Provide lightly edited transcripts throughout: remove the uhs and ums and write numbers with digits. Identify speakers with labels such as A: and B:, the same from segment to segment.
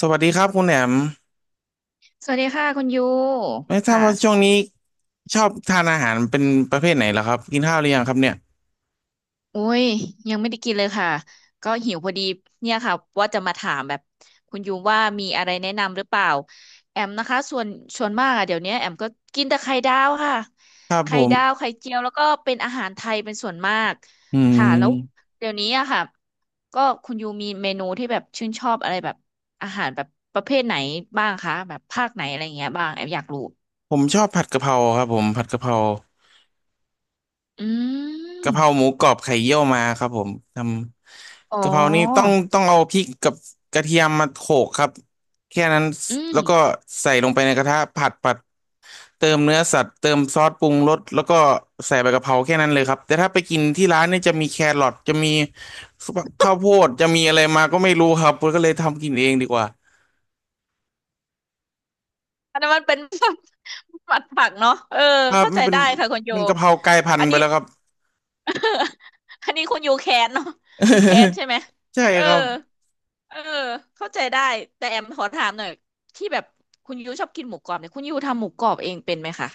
A: สวัสดีครับคุณแหนม
B: สวัสดีค่ะคุณยู
A: ไม่ทราบ
B: ค่ะ
A: ว่าช่วงนี้ชอบทานอาหารเป็นประเภทไหนเหรอครับกินข้าวหรือยังครับเนี่ย
B: อุ้ยยังไม่ได้กินเลยค่ะก็หิวพอดีเนี่ยค่ะว่าจะมาถามแบบคุณยูว่ามีอะไรแนะนำหรือเปล่าแอมนะคะส่วนมากอะเดี๋ยวนี้แอมก็กินแต่ไข่ดาวค่ะ
A: ครับผ
B: ไข่ดาว
A: ม
B: ไข่เจียวแล้วก็เป็นอาหารไทยเป็นส่วนมาก
A: อื
B: ค่ะแล้ว
A: ม
B: เดี๋ยวนี้อะค่ะก็คุณยูมีเมนูที่แบบชื่นชอบอะไรแบบอาหารแบบประเภทไหนบ้างคะแบบภาคไหนอะไรอย่างเงี้ยบ้างแอมอยากรู้
A: ผมชอบผัดกะเพราครับผมผัดกะเพรา
B: อืม
A: กะเพราหมูกรอบไข่เยี่ยวมาครับผมท
B: อ๋
A: ำกะเพรานี่ต้อง
B: อ
A: ต้องเอาพริกกับกระเทียมมาโขลกครับแค่นั้น
B: อื
A: แล้วก็
B: ม
A: ใส่ลงไปในกระทะผัด เติมเนื้อสัตว์เติมซอสปรุงรสแล้วก็ใส่ใบกะเพราแค่นั้นเลยครับแต่ถ้าไปกินที่ร้านเนี่ยจะมีแครอทจะมีข้าวโพดจะมีอะไรมาก็ไม่รู้ครับผมก็เลยทำกินเองดีกว่า
B: อันนั้นมันเป็น หมัดผักเนาะเออ
A: ครับ
B: เข้า
A: มั
B: ใจ
A: นเป็น
B: ได้ค่ะคุณโย
A: เป็นกะเพรากลายพัน
B: อัน
A: ธุ์ไป
B: นี้
A: แล้วครับ
B: อันนี้คุณโยแค้นเนาะแค้นใช่ไหม
A: ใช่
B: เออ
A: ครับ
B: เออเข้าใจได้ แต่แอมขอถามหน่อยที่แบบคุณยูชอบกินหมูกรอบเนี่ยคุณยูทำหมูกรอบเองเป็นไหมคะ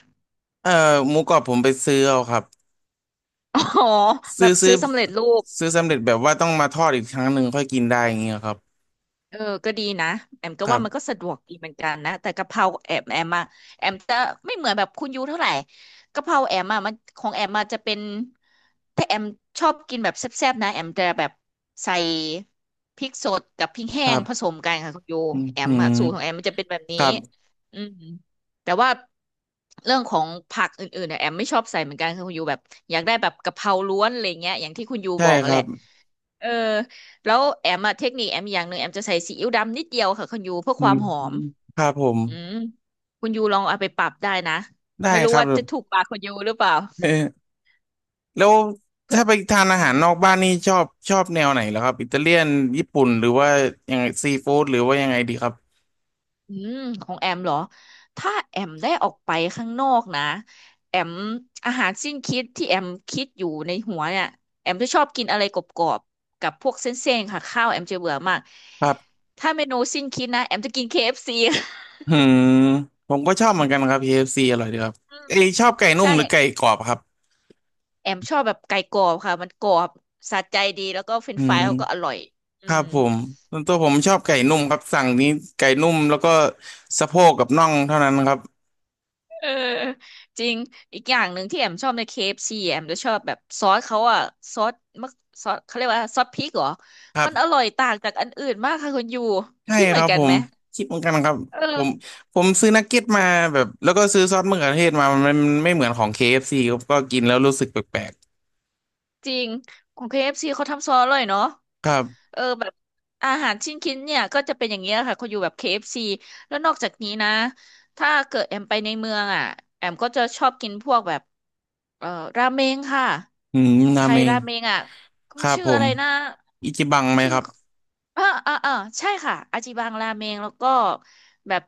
A: เอ่อหมูกรอบผมไปซื้อเอาครับ
B: อ๋อ แบ
A: ซื้อ
B: บ
A: ซื้
B: ซื้
A: อ
B: อสำเร็จรูป
A: ซื้อสำเร็จแบบว่าต้องมาทอดอีกครั้งหนึ่งค่อยกินได้อย่างเงี้ยครับ
B: เออก็ดีนะแอมก็
A: ครั
B: ว่ามันก็
A: บ
B: สะดวกดีเหมือนกันนะแต่กะเพราแอมอะแอมจะไม่เหมือนแบบคุณยูเท่าไหร่กะเพราแอมอะมันของแอมอะจะเป็นถ้าแอมชอบกินแบบแซ่บๆนะแอมจะแบบใส่พริกสดกับพริก
A: ค
B: แห้
A: รั
B: งผ
A: บ
B: สมกันค่ะคุณยู
A: อืม
B: แอ
A: อื
B: ม
A: ม
B: อะสูตรของแอมมันจะเป็นแบบ
A: ค
B: นี้
A: รับ
B: อืมแต่ว่าเรื่องของผักอื่นๆเนี่ยแอมไม่ชอบใส่เหมือนกันค่ะคุณยูแบบอยากได้แบบกะเพราล้วนอะไรเงี้ยอย่างที่คุณยู
A: ใช่
B: บอก
A: ค
B: อะแห
A: รั
B: ละ
A: บ
B: เออแล้วแอมอะเทคนิคแอมอย่างหนึ่งแอมจะใส่ซีอิ๊วดำนิดเดียวค่ะคุณยูเพื่อ
A: อื
B: ควา
A: ม
B: มหอม
A: ครับผม
B: อืมคุณยูลองเอาไปปรับได้นะ
A: ได้
B: ไม่รู้
A: ครับ
B: ว่าจะถูกปากคุณยูหรือเปล่า
A: แล้ว
B: เพื่
A: ถ้า
B: อ
A: ไปทานอา
B: อื
A: หา
B: ม
A: รนอกบ้านนี่ชอบแนวไหนเหรอครับอิตาเลียนญี่ปุ่นหรือว่ายังไงซีฟู้ดหรือว่ายังไงดีครับ
B: อืมของแอมเหรอถ้าแอมได้ออกไปข้างนอกนะแอมอาหารสิ้นคิดที่แอมคิดอยู่ในหัวเนี่ยแอมจะชอบกินอะไรกรอบๆกับพวกเส้นๆค่ะข้าวแอมจะเบื่อมาก
A: ครับ
B: ถ้าเมนูสิ้นคิดนะแอมจะกินเคเอฟซี
A: หืมผมก็ชอบเหมือนกันครับ KFC อฟซีอร่อยดีครับ
B: อื
A: เอย
B: ม
A: ชอบไก่นุ่
B: ใช่
A: มหรือไก่กรอบครับ
B: แอมชอบแบบไก่กรอบค่ะมันกรอบสะใจดีแล้วก็เฟรน
A: อื
B: ช์ฟรายเขาก็อ
A: ม
B: ร่อย อื
A: ครับ
B: ม
A: ผมส่วนตัวผมชอบไก่นุ่มครับสั่งนี้ไก่นุ่มแล้วก็สะโพกกับน่องเท่านั้นครับ
B: เออจริง อีกอย่างหนึ่งที่แอมชอบใน KFC แอมจะชอบแบบซอสเขาอะซอสมะซอสเขาเรียกว่าซอสพริกเหรอ
A: ครั
B: มัน
A: บ
B: อร่อยต่างจากอันอื่นมากค่ะคุณยู
A: ใช่
B: คิดเห
A: ค
B: มือ
A: รั
B: น
A: บ
B: กั
A: ผ
B: นไห
A: ม
B: ม
A: คิดเหมือนกันครับ
B: เ
A: ผม
B: ออ
A: ผมซื้อนักเก็ตมาแบบแล้วก็ซื้อซอสมะเขือเทศมามันไม่เหมือนของ KFC คเอฟซีครับก็กินแล้วรู้สึกแปลก
B: จริงของ KFC เอฟซีเขาทำซอสอร่อยเนาะ
A: ๆครับ
B: เออแบบอาหารชิ้นคินเนี่ยก็จะเป็นอย่างเงี้ยค่ะเขาอยู่แบบ KFC แล้วนอกจากนี้นะถ้าเกิดแอมไปในเมืองอ่ะแอมก็จะชอบกินพวกแบบเอ่อราเมงค่ะ
A: อืม
B: ไท
A: นาเม
B: ย
A: ง
B: ราเมงอ่ะ
A: ค
B: มัน
A: รับ
B: ชื่อ
A: ผ
B: อะ
A: ม
B: ไรนะ
A: อิจิบังไหม
B: ชื่อ
A: ครับ
B: อ่าอ่าอ่าใช่ค่ะอาจิบังราเมงแล้วก็แบบ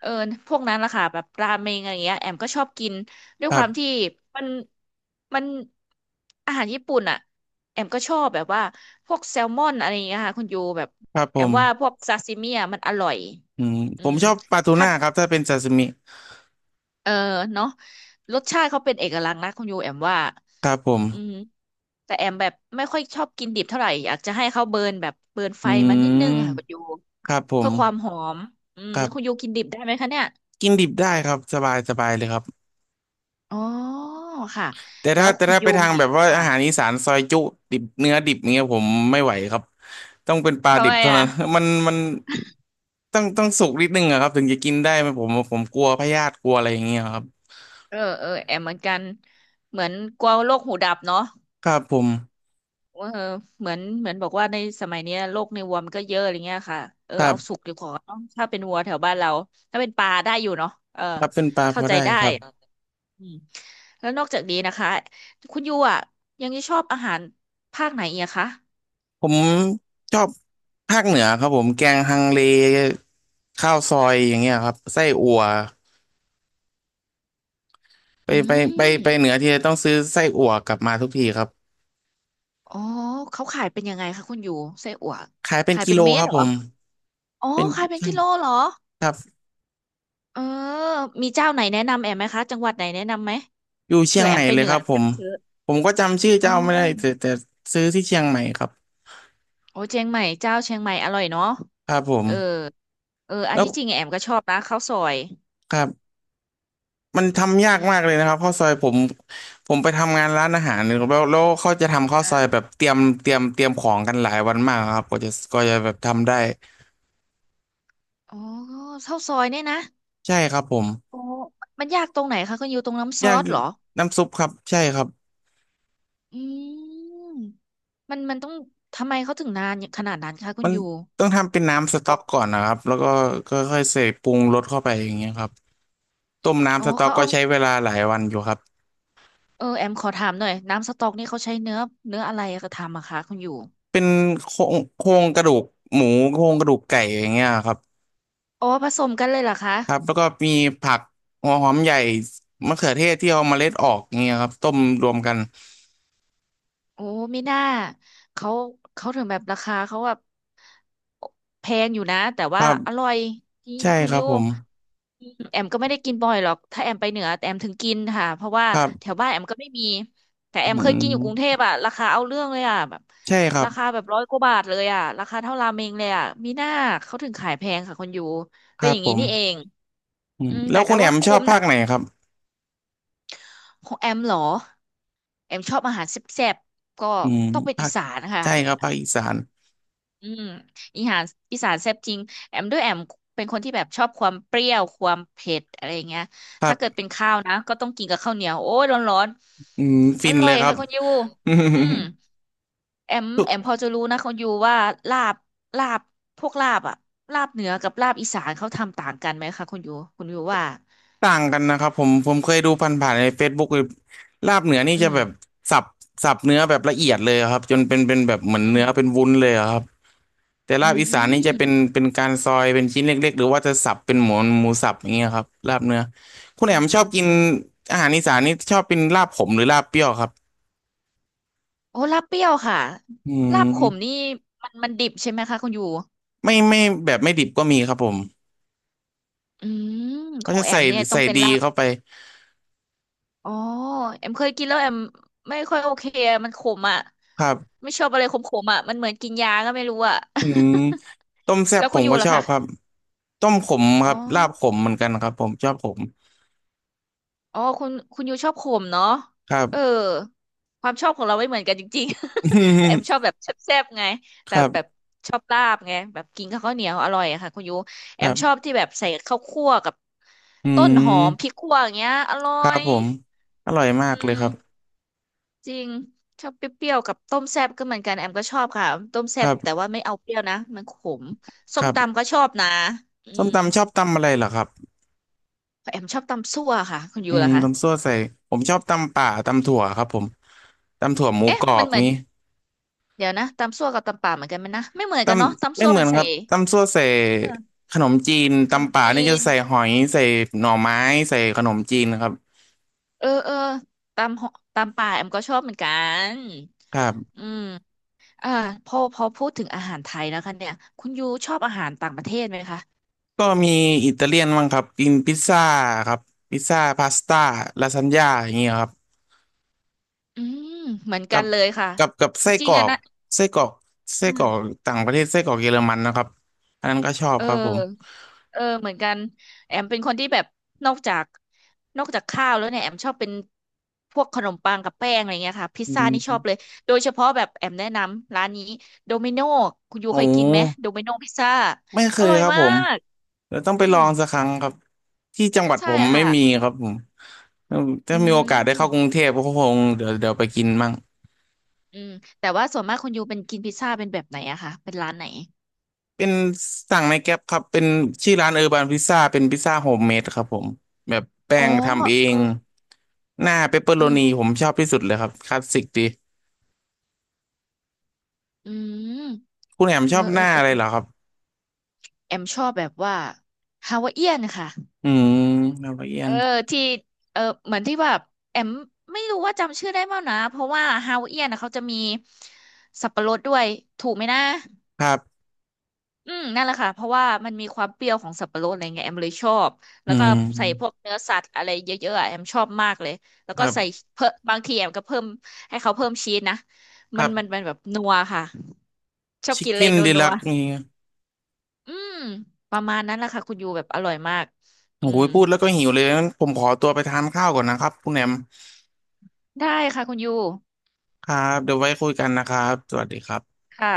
B: เออพวกนั้นล่ะค่ะแบบราเมงอะไรเงี้ยแอมก็ชอบกินด้วย
A: ค
B: ค
A: รั
B: วามที่
A: บ
B: มันมันอาหารญี่ปุ่นอ่ะ แอมก็ชอบแบบว่าพวกแซลมอนอะไรอย่างเงี้ยค่ะคุณยูแบบ
A: ครับผ
B: แอม
A: ม
B: ว่าพวกซาซิมิอ่ะมันอร่อย
A: อืม
B: อื
A: ผม
B: ม
A: ชอบปลาทู
B: ถ้า
A: น่าครับถ้าเป็นซาซิมิ
B: เออเนาะรสชาติเขาเป็นเอกลักษณ์นะคุณยูแอมว่า
A: ครับผม
B: อืมแต่แอมแบบไม่ค่อยชอบกินดิบเท่าไหร่อยากจะให้เขาเบิร์นแบบเบิร์นไฟ
A: อื
B: มานิดนึงค่ะคุณยู
A: มครับผม
B: เพื่อความหอมอืม
A: ครั
B: คุณ
A: บ
B: ยูกินดิบได้ไหมคะเนี่ย
A: กินดิบได้ครับสบายสบายเลยครับ
B: อ๋อค่ะ
A: แต่
B: แล้
A: ถ้า
B: ว
A: แต่
B: คุณ
A: ถ้าไป
B: ยู
A: ทาง
B: มี
A: แบบว่า
B: ค่ะ
A: อาหารอีสานซอยจุดิบเนื้อดิบเงี้ยผมไม่ไหวครับต้องเป็นปลา
B: ทำ
A: ดิ
B: ไม
A: บเท่า
B: อ่ะ
A: นั้น มันต้องสุกนิดนึงอะครับถึงจะกินได้ไหมผมกลัวพยาธิกลัวอะไรอย่างเงี้ยครับ
B: เออเออแอมเหมือนกันเหมือนกลัวโรคหูดับเนาะ
A: ครับผม
B: เออเหมือนเหมือนบอกว่าในสมัยเนี้ยโรคในวัวมันก็เยอะอะไรเงี้ยค่ะเออ
A: ครั
B: เอาสุ
A: บ
B: กดีกว่าเนอะถ้าเป็นวัวแถวบ้านเราถ้าเป็นปลาได้อยู่เนาะเออ
A: ครับเป็นปลาพ
B: เข้า
A: อ
B: ใจ
A: ได้
B: ได้
A: ครับ
B: อืมแล้วนอกจากนี้นะคะคุณยูอ่ะยังจะชอบอาหารภาคไหนอีกอะคะ
A: ผมชอบภาคเหนือครับผมแกงฮังเลข้าวซอยอย่างเงี้ยครับไส้อั่วไป
B: อื
A: ไปไปเหนื
B: ม
A: อทีไรต้องซื้อไส้อั่วกลับมาทุกทีครับ
B: อ๋อเขาขายเป็นยังไงคะคุณยูไส้อั่ว
A: ขายเป็น
B: ขาย
A: กิ
B: เป็น
A: โล
B: เม็
A: ค
B: ด
A: รับ
B: เหร
A: ผ
B: อ
A: ม
B: อ๋อ
A: เป็น
B: ขายเป็น
A: ช่า
B: กิ
A: ง
B: โลเหรอ
A: ครับ
B: เออมีเจ้าไหนแนะนำแอมไหมคะจังหวัดไหนแนะนำไหม
A: อยู่เชี
B: เผื่
A: ยง
B: อแอ
A: ให
B: ม
A: ม่
B: ไป
A: เล
B: เห
A: ย
B: นื
A: ค
B: อ
A: รับ
B: แอม
A: ผ
B: จะ
A: ม
B: ไปซื้อ
A: ผมก็จำชื่อ
B: อ๋อ
A: เจ้าไม่ได้แต่ซื้อที่เชียงใหม่ครับ
B: โอ้เชียงใหม่เจ้าเชียงใหม่อร่อยเนาะ
A: ครับผม
B: เออเอออัน
A: แล้ว
B: ที่จริงแอมก็ชอบนะข้าวซอย
A: ครับ มันทำยา
B: อื
A: กมากเล
B: ม
A: ยนะครับข้าวซอยผมไปทำงานร้านอาหารแล้วแล้วเขาจะทำข้าวซอยแบ
B: อ่า
A: บเตรียมของกันหลายวันมากครับก็จะแบบทำได้
B: อ๋อข้าวซอยเนี่ยนะ
A: ใช่ครับผม
B: โอ้มันยากตรงไหนคะคุณยูตรงน้ำซ
A: ยา
B: อ
A: ก
B: ส
A: จริ
B: เหร
A: ง
B: อ
A: น้ำซุปครับใช่ครับ
B: อืมมันมันต้องทำไมเขาถึงนานขนาดนั้นคะคุ
A: มั
B: ณ
A: น
B: ยู
A: ต้องทำเป็นน้ำส
B: บ
A: ต๊
B: อ
A: อก
B: ก
A: ก่อนนะครับแล้วก็ก็ค่อยๆใส่ปรุงรสเข้าไปอย่างเงี้ยครับต้ม
B: อ๋อ
A: น้ำสต๊อก
B: เขา
A: ก็
B: เอา
A: ใช้เวลาหลายวันอยู่ครับ
B: เออแอมขอถามหน่อยน้ำสต๊อกนี่เขาใช้เนื้อเนื้ออะไรกระทำอะคะคุณยู
A: เป็นโครงกระดูกหมูโครงกระดูกไก่อย่างเงี้ยครับ
B: อ๋อผสมกันเลยเหรอคะ
A: ครับแล้วก็มีผักหัวหอมใหญ่มะเขือเทศที่เอาเมล็ดออกเงี้ยครับต้มรวมกัน
B: โอ้ไม่น่าเขาถึงแบบราคาเขาแบบแพงอยู่นะแต่
A: ค
B: ว่า
A: รั
B: อ
A: บ
B: ร่อยจริง
A: ใช่
B: คุณ
A: ครับ
B: ยู
A: ผม
B: แอมก็ไม่ได้กินบ่อยหรอกถ้าแอมไปเหนือแต่แอมถึงกินค่ะเพราะว่า
A: ครั
B: แถ
A: บ
B: วบ้านแอมก็ไม่มีแต่
A: อื
B: แอมเคยกินอยู่กรุงเท
A: ม
B: พอะราคาเอาเรื่องเลยอะแบบ
A: ใช่ครับ
B: ราคาแบบร้อยกว่าบาทเลยอะราคาเท่าราเมงเลยอะมีหน้าเขาถึงขายแพงค่ะคุณยู
A: ค
B: เป็น
A: รั
B: อ
A: บ
B: ย่าง
A: ผ
B: นี้
A: ม
B: นี่เอง
A: อืม
B: อืม
A: แล้
B: แต่
A: วคุ
B: ก็
A: ณแอ
B: ว่า
A: มชอ
B: คุ้
A: บ
B: ม
A: ภา
B: นะ
A: คไหนครับ
B: ของแอมเหรอแอมชอบอาหารแซ่บๆก็
A: อืม
B: ต้องเป็น
A: ภา
B: อี
A: ค
B: สานนะคะ
A: ใช่ครับภาคอีสาน
B: อืมอีหานอีสานแซ่บจริงแอมด้วยแอมเป็นคนที่แบบชอบความเปรี้ยวความเผ็ดอะไรเงี้ย
A: ครั
B: ถ้าเกิด
A: บ
B: เป็นข้าวนะก็ต้องกินกับข้าวเหนียวโอ้ยร้อน
A: อืม
B: ๆอ
A: ฟิน
B: ร่อ
A: เล
B: ย
A: ยครับ
B: ค่ะคุณยู
A: อืม
B: อืมแอม
A: ทุก
B: พอจะรู้นะคุณยูว่าลาบลาบพวกลาบอะลาบเหนือกับลาบอีสานเขาทำต่างกันไหมคะคุณยูคุณยูว่า
A: ต่างกันนะครับผมเคยดูผ่านๆใน Facebook เลยลาบเหนือนี่
B: อื
A: จะ
B: ม
A: แบบสับสับเนื้อแบบละเอียดเลยครับจนเป็นแบบเหมือน
B: อืม
A: เนื้อเป็นวุ้นเลยอะครับ แต่
B: อื
A: ลาบอีสานนี่จะเป็
B: ม
A: นเป็นการซอยเป็นชิ้นเล็กๆหรือว่าจะสับเป็นหมูหมูสับอย่างเงี้ยครับลาบเนื้อคุณ
B: อื
A: แอ
B: ม
A: มชอบกิ
B: อื
A: น
B: ม
A: อาหารอีสานนี่ชอบเป็นลาบขมหรือลาบเปรี้ยวครับ
B: โอ้ลาบเปรี้ยวค่ะ
A: อื
B: ลาบขม
A: ม
B: นี่มันดิบใช่ไหมคะคุณยู
A: ไม่แบบไม่ดิบก็มีครับผม
B: อืมข
A: เขา
B: อง
A: จะ
B: แอ
A: ใส่
B: มเนี่ยต้อ
A: ใส่
B: งเป็น
A: ดี
B: ลาบ
A: เข้าไป
B: อ๋อแอมเคยกินแล้วแอมไม่ค่อยโอเคอะมันขมอ่ะ
A: ครับ
B: ไม่ชอบอะไรขมๆอ่ะมันเหมือนกินยาก็ไม่รู้อ่ะ
A: อืมต้มแซ่
B: แล้
A: บ
B: ว
A: ผ
B: คุณ
A: ม
B: อยู่
A: ก็ช
B: ล่ะ
A: อบ
B: คะ
A: ครับต้มขมค
B: อ๋อ
A: รับลาบขมเหมือนกันครับผมชอบขม
B: อ๋อคุณอยู่ชอบขมเนาะ
A: ครับ
B: เออความชอบของเราไม่เหมือนกันจริงๆ แต่แอม ชอบแบบแซ่บๆไง
A: ค
B: แต่
A: รั
B: แบบ
A: บ
B: ชอบลาบไงแบบกินกับข้าวเหนียวอร่อยอะค่ะคุณยู
A: ค
B: แอ
A: รั
B: มชอบ
A: บ
B: ที่แบบใส่ข้าวคั่วกับ
A: อื
B: ต้นหอมพริ
A: ม
B: กคั่วอย่างเงี้ยอร่อ
A: ครับ
B: ย
A: ผมอร่อยมา
B: อื
A: กเลยค
B: ม
A: รับ
B: จริงชอบเปรี้ยวๆกับต้มแซ่บก็เหมือนกันแอมก็ชอบค่ะต้ม
A: ค
B: แซ่
A: รั
B: บแต่
A: บ
B: ว่าไม่เอาเปรี้ยวนะมันขม
A: ค
B: ส้ม
A: รั
B: ตำ
A: บ
B: ก็ชอบนะอื
A: ส้ม
B: ม
A: ตำชอบตำอะไรเหรอครับ
B: แอมชอบตำซั่วค่ะคุณยู
A: อืม
B: ล่ะคะ
A: ตำซั่วใส่ผมชอบตำป่าตำถั่วครับผมตำถั่วหมู
B: เอ๊ะ
A: กรอ
B: มัน
A: บ
B: เหมือน
A: นี้
B: เดี๋ยวนะตำซั่วกับตำป่าเหมือนกันไหมนะไม่เหมือน
A: ต
B: กันเนาะ
A: ำ
B: ตำ
A: ไม่
B: ซั่ว
A: เหมื
B: มั
A: อ
B: น
A: นค
B: ใส่
A: รับตำซั่วใส่
B: เออ
A: ขนมจีน
B: ขนม
A: ตำป่า
B: จี
A: นี่จะ
B: น
A: ใส่หอยใส่หน่อไม้ใส่ขนมจีนครับ
B: เออเออตำหตำป่าแอมก็ชอบเหมือนกัน
A: ครับ
B: อืมอ่าพอพูดถึงอาหารไทยแล้วคะเนี่ยคุณยูชอบอาหารต่างประเทศไหมคะ
A: ก็มีอิตาเลียนบ้างครับกินพิซซ่าครับพิซซ่าพาสต้าลาซานญ่าอย่างเงี้ยครับ
B: อืมเหมือนกั
A: กั
B: น
A: บ
B: เลยค่ะ
A: กับไส้
B: จริ
A: ก
B: ง
A: รอ
B: อะ
A: ก
B: นะ
A: ไส้กรอกไส้กรอกต่างประเทศไส้กรอกเยอรมันนะครับอันนั้นก็ชอบ
B: เออ
A: ครับผม
B: เออเหมือนกันแอมเป็นคนที่แบบนอกจากข้าวแล้วเนี่ยแอมชอบเป็นพวกขนมปังกับแป้งอะไรเงี้ยค่ะพิซ
A: อื
B: ซ่านี่ชอบ
A: ม
B: เลยโดยเฉพาะแบบแอมแนะนำร้านนี้โดมิโนคุณยู
A: โอ้
B: เคยกินไหมโดมิโนพิซซ่า
A: ไม่เค
B: อ
A: ย
B: ร่อย
A: ครับ
B: มา
A: ผม
B: ก
A: เดี๋ยวต้องไป
B: อื
A: ลอ
B: ม
A: งสักครั้งครับที่จังหวัด
B: ใช่
A: ผมไม่
B: ค่ะ
A: มีครับผม
B: อื
A: ถ้ามีโอกาสได้เข้ากรุง
B: ม
A: เทพก็คงเดี๋ยวไปกินมั่ง
B: อืมแต่ว่าส่วนมากคุณยูเป็นกินพิซซ่าเป็นแบบไหนอะคะเป็นร้านไหน
A: เป็นสั่งในแก๊ปครับเป็นชื่อร้านเออร์บานพิซซ่าเป็นพิซซ่าโฮมเมดครับผมแบบแป้
B: อ๋อ
A: งทำเอ
B: เออ
A: งหน้าเปปเปอโร
B: อืม
A: นีผมชอบที่สุดเลยครับคลาสสิกดี
B: อืม
A: คุณแหม่ม
B: เอ
A: ช
B: อ
A: อบหน้า
B: เออ
A: อะไรเหรอครับ
B: แอมชอบแบบว่าฮาวาเอียนค่ะ
A: อืมละเอีย
B: เอ
A: น
B: อที่เออเหมือนที่แบบแอมไม่รู้ว่าจำชื่อได้เปล่านะเพราะว่าฮาวเอียนนะเขาจะมีสับปะรดด้วยถูกไหมนะ
A: ครับ
B: อืมนั่นแหละค่ะเพราะว่ามันมีความเปรี้ยวของสับปะรดอะไรเงี้ยแอมเลยชอบแล้
A: อื
B: วก็
A: ม
B: ใส่พวกเนื้อสัตว์อะไรเยอะๆอะแอมชอบมากเลยแล้ว
A: ค
B: ก็
A: รั
B: ใส่
A: บ
B: เพิ่มบางทีแอมก็เพิ่มให้เขาเพิ่มชีสนะ
A: ค
B: มั
A: รั
B: นมั
A: บ
B: นแบบนัวค่ะชอบ
A: ชิค
B: กินเล
A: เก้
B: ย
A: น
B: นัว
A: ดี
B: นั
A: ลั
B: ว
A: กนี่
B: อืมประมาณนั้นแหละค่ะคุณยูแบบอร่อยมากอื
A: โอ้
B: ม
A: ยพูดแล้วก็หิวเลยงั้นผมขอตัวไปทานข้าวก่อนนะครับคุณแหนม
B: ได้ค่ะคุณยู
A: ครับเดี๋ยวไว้คุยกันนะครับสวัสดีครับ
B: ค่ะ